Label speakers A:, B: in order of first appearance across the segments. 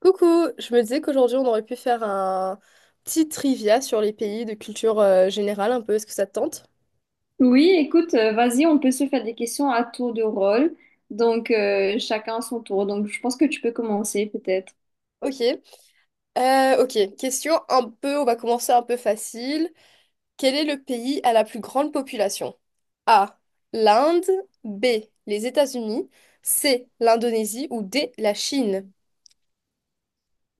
A: Coucou, je me disais qu'aujourd'hui on aurait pu faire un petit trivia sur les pays de culture générale un peu, est-ce que ça te tente?
B: Oui, écoute, vas-y, on peut se faire des questions à tour de rôle. Chacun son tour. Donc, je pense que tu peux commencer peut-être.
A: Ok. Ok, question un peu, on va commencer un peu facile. Quel est le pays à la plus grande population? A, l'Inde, B, les États-Unis, C, l'Indonésie ou D, la Chine?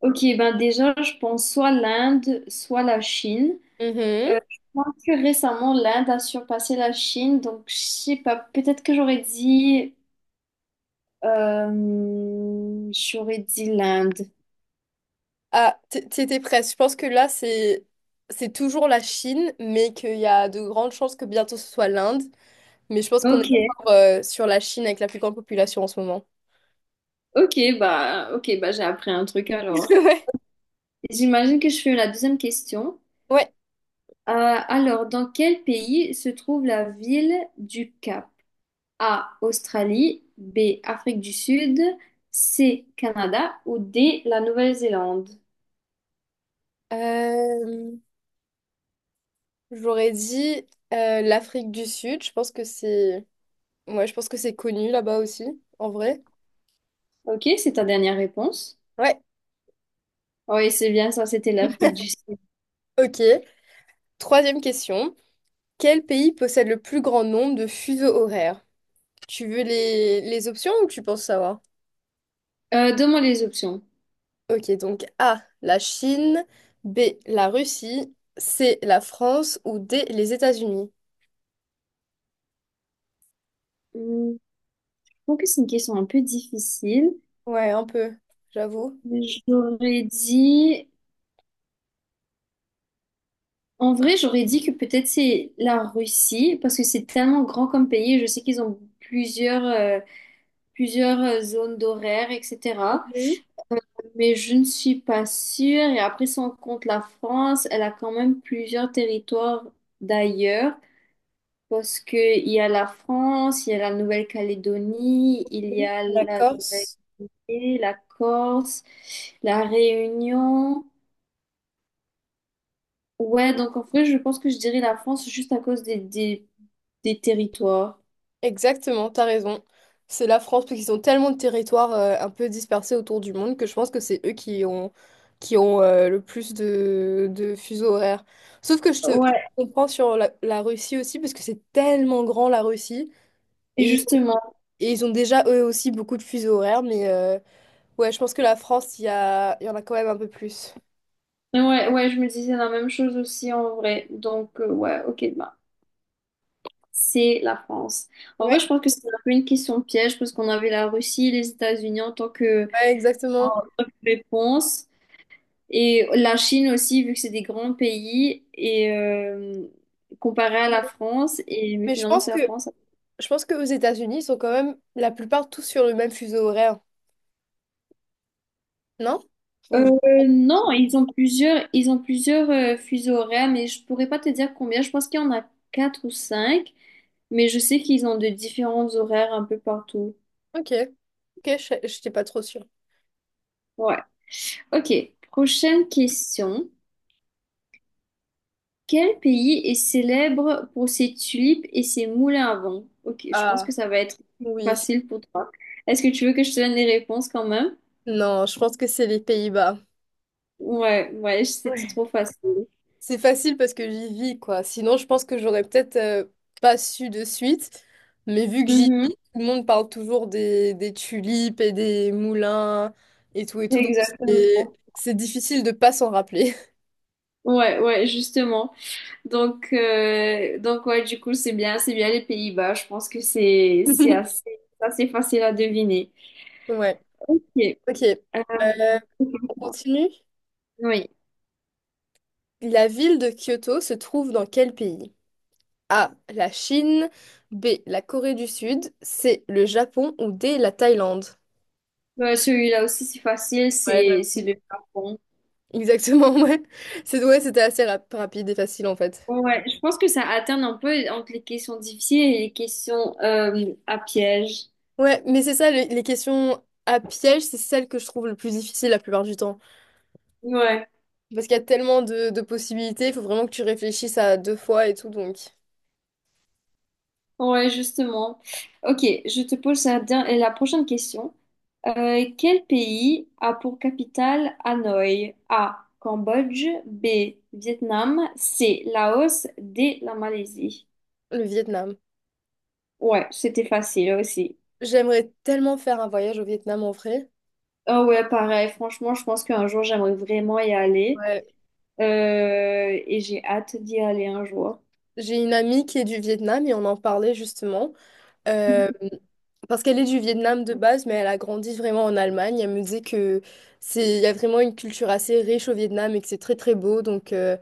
B: Ok, ben déjà, je pense soit l'Inde, soit la Chine.
A: Mhm.
B: Je pense que récemment, l'Inde a surpassé la Chine. Donc, je sais pas, peut-être que j'aurais dit l'Inde.
A: Ah, t'y presque, je pense que là c'est toujours la Chine, mais qu'il y a de grandes chances que bientôt ce soit l'Inde. Mais je pense qu'on est
B: Ok,
A: encore sur la Chine avec la plus grande population en ce moment.
B: ok, bah, j'ai appris un truc alors.
A: Ouais.
B: J'imagine que je fais la deuxième question.
A: Ouais.
B: Euh, alors, dans quel pays se trouve la ville du Cap? A. Australie, B. Afrique du Sud, C. Canada ou D. La Nouvelle-Zélande.
A: Euh, j'aurais dit l'Afrique du Sud. Je pense que c'est... Ouais, je pense que c'est connu là-bas aussi, en vrai.
B: Ok, c'est ta dernière réponse.
A: Ouais.
B: Oui, c'est bien ça, c'était l'Afrique du Sud.
A: Ok. Troisième question. Quel pays possède le plus grand nombre de fuseaux horaires? Tu veux les options ou tu penses savoir?
B: Donne-moi les options.
A: Ok, donc A, la Chine, B, la Russie, C, la France ou D, les États-Unis.
B: Hmm, je trouve que c'est une question un peu difficile.
A: Ouais, un peu, j'avoue.
B: J'aurais dit... En vrai, j'aurais dit que peut-être c'est la Russie, parce que c'est tellement grand comme pays. Je sais qu'ils ont plusieurs zones d'horaire, etc. Mais je ne suis pas sûre. Et après, si on compte la France, elle a quand même plusieurs territoires d'ailleurs. Parce qu'il y a la France, il y a la Nouvelle-Calédonie, il y a
A: La
B: la
A: Corse.
B: Nouvelle-Guinée, la Corse, la Réunion. Ouais, donc en vrai, je pense que je dirais la France juste à cause des territoires.
A: Exactement, t'as raison. C'est la France, parce qu'ils ont tellement de territoires un peu dispersés autour du monde que je pense que c'est eux qui ont le plus de fuseaux horaires. Sauf que
B: Ouais,
A: je comprends sur la Russie aussi, parce que c'est tellement grand la Russie.
B: et
A: Et, ils ont
B: justement.
A: et ils ont déjà eux aussi beaucoup de fuseaux horaires, mais ouais, je pense que la France, il y en a quand même un peu plus.
B: Ouais, ouais, je me disais la même chose aussi en vrai. Ouais, ok, bah, c'est la France. En vrai,
A: Ouais,
B: je pense que c'est un peu une question piège parce qu'on avait la Russie et les États-Unis en tant que
A: ouais, exactement.
B: réponse et la Chine aussi, vu que c'est des grands pays et comparé à la France et mais
A: Mais je
B: finalement
A: pense
B: c'est
A: que
B: la France.
A: je pense que aux États-Unis, ils sont quand même la plupart tous sur le même fuseau horaire. Non? Ou-
B: Euh, non, ils ont plusieurs fuseaux horaires, mais je pourrais pas te dire combien. Je pense qu'il y en a quatre ou cinq, mais je sais qu'ils ont de différents horaires un peu partout.
A: Ok. Ok, je n'étais pas trop sûre.
B: Ouais. Ok. Prochaine question. Quel pays est célèbre pour ses tulipes et ses moulins à vent? Ok, je pense
A: Ah,
B: que ça va être
A: oui.
B: facile pour toi. Est-ce que tu veux que je te donne les réponses quand même?
A: Non, je pense que c'est les Pays-Bas.
B: Ouais, ouais, c'était
A: Ouais.
B: trop facile.
A: C'est facile parce que j'y vis, quoi. Sinon, je pense que j'aurais peut-être pas su de suite. Mais vu que j'y vis,
B: Mhm,
A: tout le monde parle toujours des tulipes et des moulins et tout et tout. Donc, c'est
B: exactement.
A: c'est difficile de pas s'en rappeler.
B: Ouais, ouais, justement. Donc ouais, du coup, c'est bien les Pays-Bas. Je pense que c'est assez facile à deviner.
A: Ouais.
B: Ok.
A: Ok.
B: Euh,
A: Euh, on continue.
B: oui.
A: La ville de Kyoto se trouve dans quel pays? A. La Chine. B. La Corée du Sud. C. Le Japon. Ou D. La Thaïlande.
B: Ouais, celui-là aussi,
A: Ouais,
B: c'est
A: j'avoue.
B: le Japon.
A: Exactement, ouais. C'est, ouais, c'était assez rapide et facile en fait.
B: Ouais, je pense que ça alterne un peu entre les questions difficiles et les questions à piège.
A: Ouais, mais c'est ça, les questions à piège, c'est celles que je trouve le plus difficile la plupart du temps.
B: Ouais,
A: Parce qu'il y a tellement de possibilités, il faut vraiment que tu réfléchisses à deux fois et tout, donc
B: ouais, justement. Ok, je te pose la prochaine question. Quel pays a pour capitale Hanoï? A. Cambodge. B. Vietnam. C. Laos. D. La Malaisie.
A: le Vietnam.
B: Ouais, c'était facile aussi.
A: J'aimerais tellement faire un voyage au Vietnam en vrai.
B: Oh ouais, pareil. Franchement, je pense qu'un jour, j'aimerais vraiment y aller.
A: Ouais.
B: Et j'ai hâte d'y aller un jour.
A: J'ai une amie qui est du Vietnam et on en parlait justement. Euh, parce qu'elle est du Vietnam de base, mais elle a grandi vraiment en Allemagne. Elle me disait que c'est, il y a vraiment une culture assez riche au Vietnam et que c'est très très beau. Donc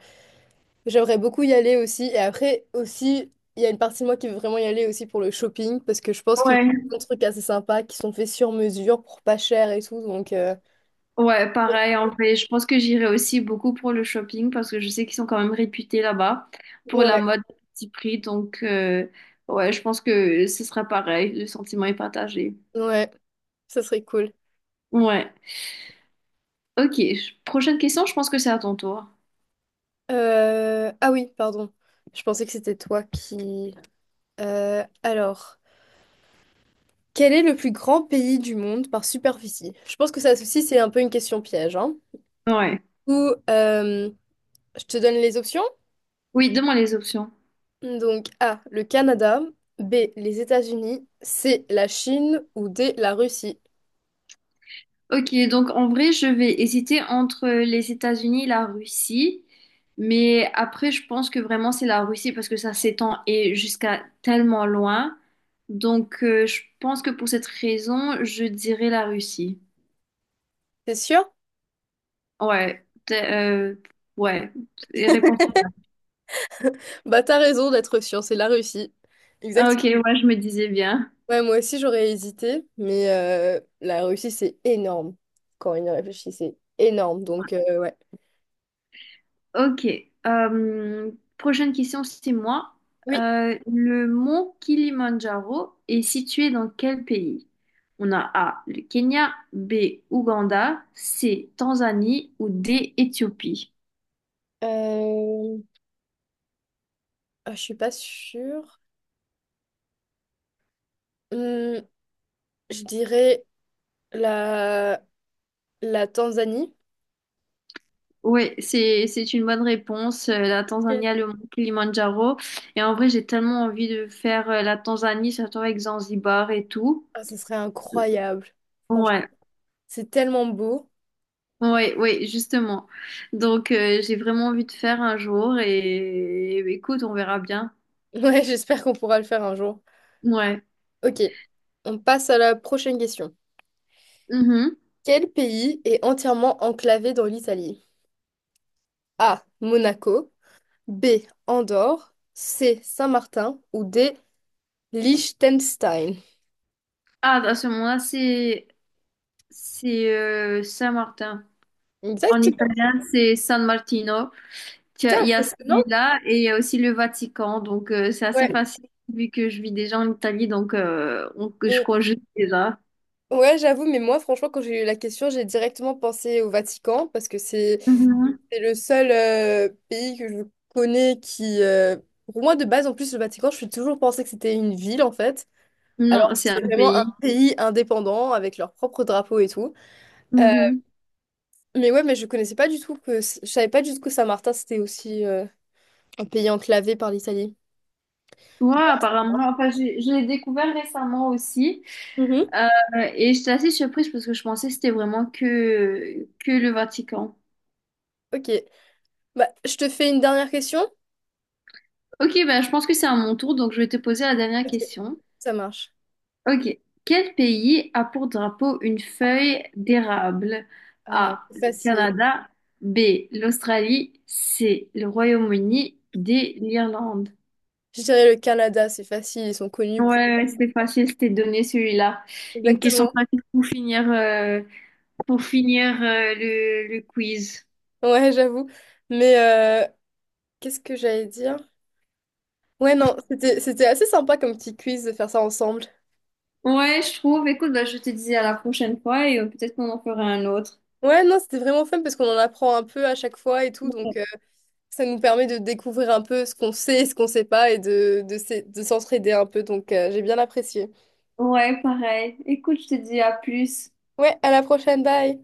A: j'aimerais beaucoup y aller aussi. Et après aussi, il y a une partie de moi qui veut vraiment y aller aussi pour le shopping parce que je pense qu'il y a
B: Ouais.
A: plein de trucs assez sympas qui sont faits sur mesure pour pas cher et tout. Donc
B: Ouais, pareil, en fait, je pense que j'irai aussi beaucoup pour le shopping parce que je sais qu'ils sont quand même réputés là-bas pour la
A: ouais,
B: mode à petit prix. Ouais, je pense que ce sera pareil, le sentiment est partagé.
A: ouais, ça serait cool.
B: Ouais, ok. Prochaine question, je pense que c'est à ton tour.
A: Ah oui, pardon. Je pensais que c'était toi qui. Alors. Quel est le plus grand pays du monde par superficie? Je pense que ça aussi, c'est un peu une question piège, hein.
B: Ouais.
A: Ou, je te donne les options.
B: Oui, donne-moi les options.
A: Donc, A, le Canada, B, les États-Unis, C, la Chine ou D, la Russie.
B: Ok, donc en vrai, je vais hésiter entre les États-Unis et la Russie. Mais après, je pense que vraiment, c'est la Russie parce que ça s'étend et jusqu'à tellement loin. Je pense que pour cette raison, je dirais la Russie.
A: T'es sûr?
B: Ouais, t- euh, ouais. Et réponse.
A: Bah, t'as raison d'être sûr, c'est la Russie. Exact.
B: Ok, ouais, je me disais bien.
A: Ouais, moi aussi, j'aurais hésité, mais la Russie, c'est énorme. Quand on y réfléchit, c'est énorme. Donc, ouais.
B: Ok. Euh, Prochaine question, c'est moi.
A: Oui.
B: Le mont Kilimandjaro est situé dans quel pays? On a A, le Kenya, B, Ouganda, C, Tanzanie ou D, Éthiopie.
A: Euh, je suis pas sûre. Hum, je dirais. La, la Tanzanie.
B: Oui, c'est une bonne réponse. La
A: Ok.
B: Tanzanie a le mont Kilimandjaro. Et en vrai, j'ai tellement envie de faire la Tanzanie, surtout avec Zanzibar et tout.
A: Ah, ça serait incroyable. Franchement,
B: Ouais.
A: c'est tellement beau.
B: Oui, oui, justement. J'ai vraiment envie de faire un jour et écoute, on verra bien.
A: Ouais, j'espère qu'on pourra le faire un jour.
B: Ouais.
A: Ok, on passe à la prochaine question.
B: Mhm.
A: Quel pays est entièrement enclavé dans l'Italie? A. Monaco. B. Andorre. C. Saint-Martin. Ou D. Liechtenstein.
B: Ah, à ce moment-là, c'est Saint-Martin. En
A: Exactement.
B: italien, c'est San Martino. Tu as-
A: Putain,
B: Il y a
A: impressionnant.
B: celui-là et il y a aussi le Vatican. C'est assez
A: Ouais.
B: facile vu que je vis déjà en Italie. On- que je
A: Mais
B: crois juste déjà.
A: ouais, j'avoue, mais moi, franchement, quand j'ai eu la question, j'ai directement pensé au Vatican parce que c'est...
B: Mhm.
A: C'est le seul pays que je connais qui, pour moi de base, en plus le Vatican, je suis toujours pensé que c'était une ville en fait, alors
B: Non,
A: que
B: c'est un
A: c'est vraiment un
B: pays.
A: pays indépendant avec leur propre drapeau et tout. Euh,
B: Mhm.
A: mais ouais, mais je connaissais pas du tout que, je savais pas du tout que Saint-Martin c'était aussi un pays enclavé par l'Italie.
B: Ouais, apparemment. Enfin, je l'ai découvert récemment aussi.
A: Mhm.
B: Euh, et j'étais assez surprise parce que je pensais que c'était vraiment que le Vatican.
A: Ok, bah je te fais une dernière question.
B: Ok, ben je pense que c'est à mon tour, donc je vais te poser la dernière
A: Ok,
B: question.
A: ça marche.
B: Ok. Quel pays a pour drapeau une feuille d'érable?
A: Ah,
B: A.
A: c'est
B: Le
A: facile.
B: Canada. B. L'Australie. C. Le Royaume-Uni. D. L'Irlande.
A: Je dirais le Canada, c'est facile, ils sont connus
B: Ouais,
A: pour.
B: ouais, c'était facile, c'était donné celui-là. Une question
A: Exactement.
B: facile pour finir, pour finir le quiz.
A: Ouais, j'avoue. Mais qu'est-ce que j'allais dire? Ouais, non, c'était assez sympa comme petit quiz de faire ça ensemble.
B: Ouais, je trouve. Écoute, bah, je te dis à la prochaine fois et peut-être qu'on en fera un autre.
A: Ouais, non, c'était vraiment fun parce qu'on en apprend un peu à chaque fois et tout, donc ça nous permet de découvrir un peu ce qu'on sait et ce qu'on sait pas et de s'entraider un peu, donc j'ai bien apprécié.
B: Ouais, pareil. Écoute, je te dis à plus.
A: Ouais, à la prochaine, bye!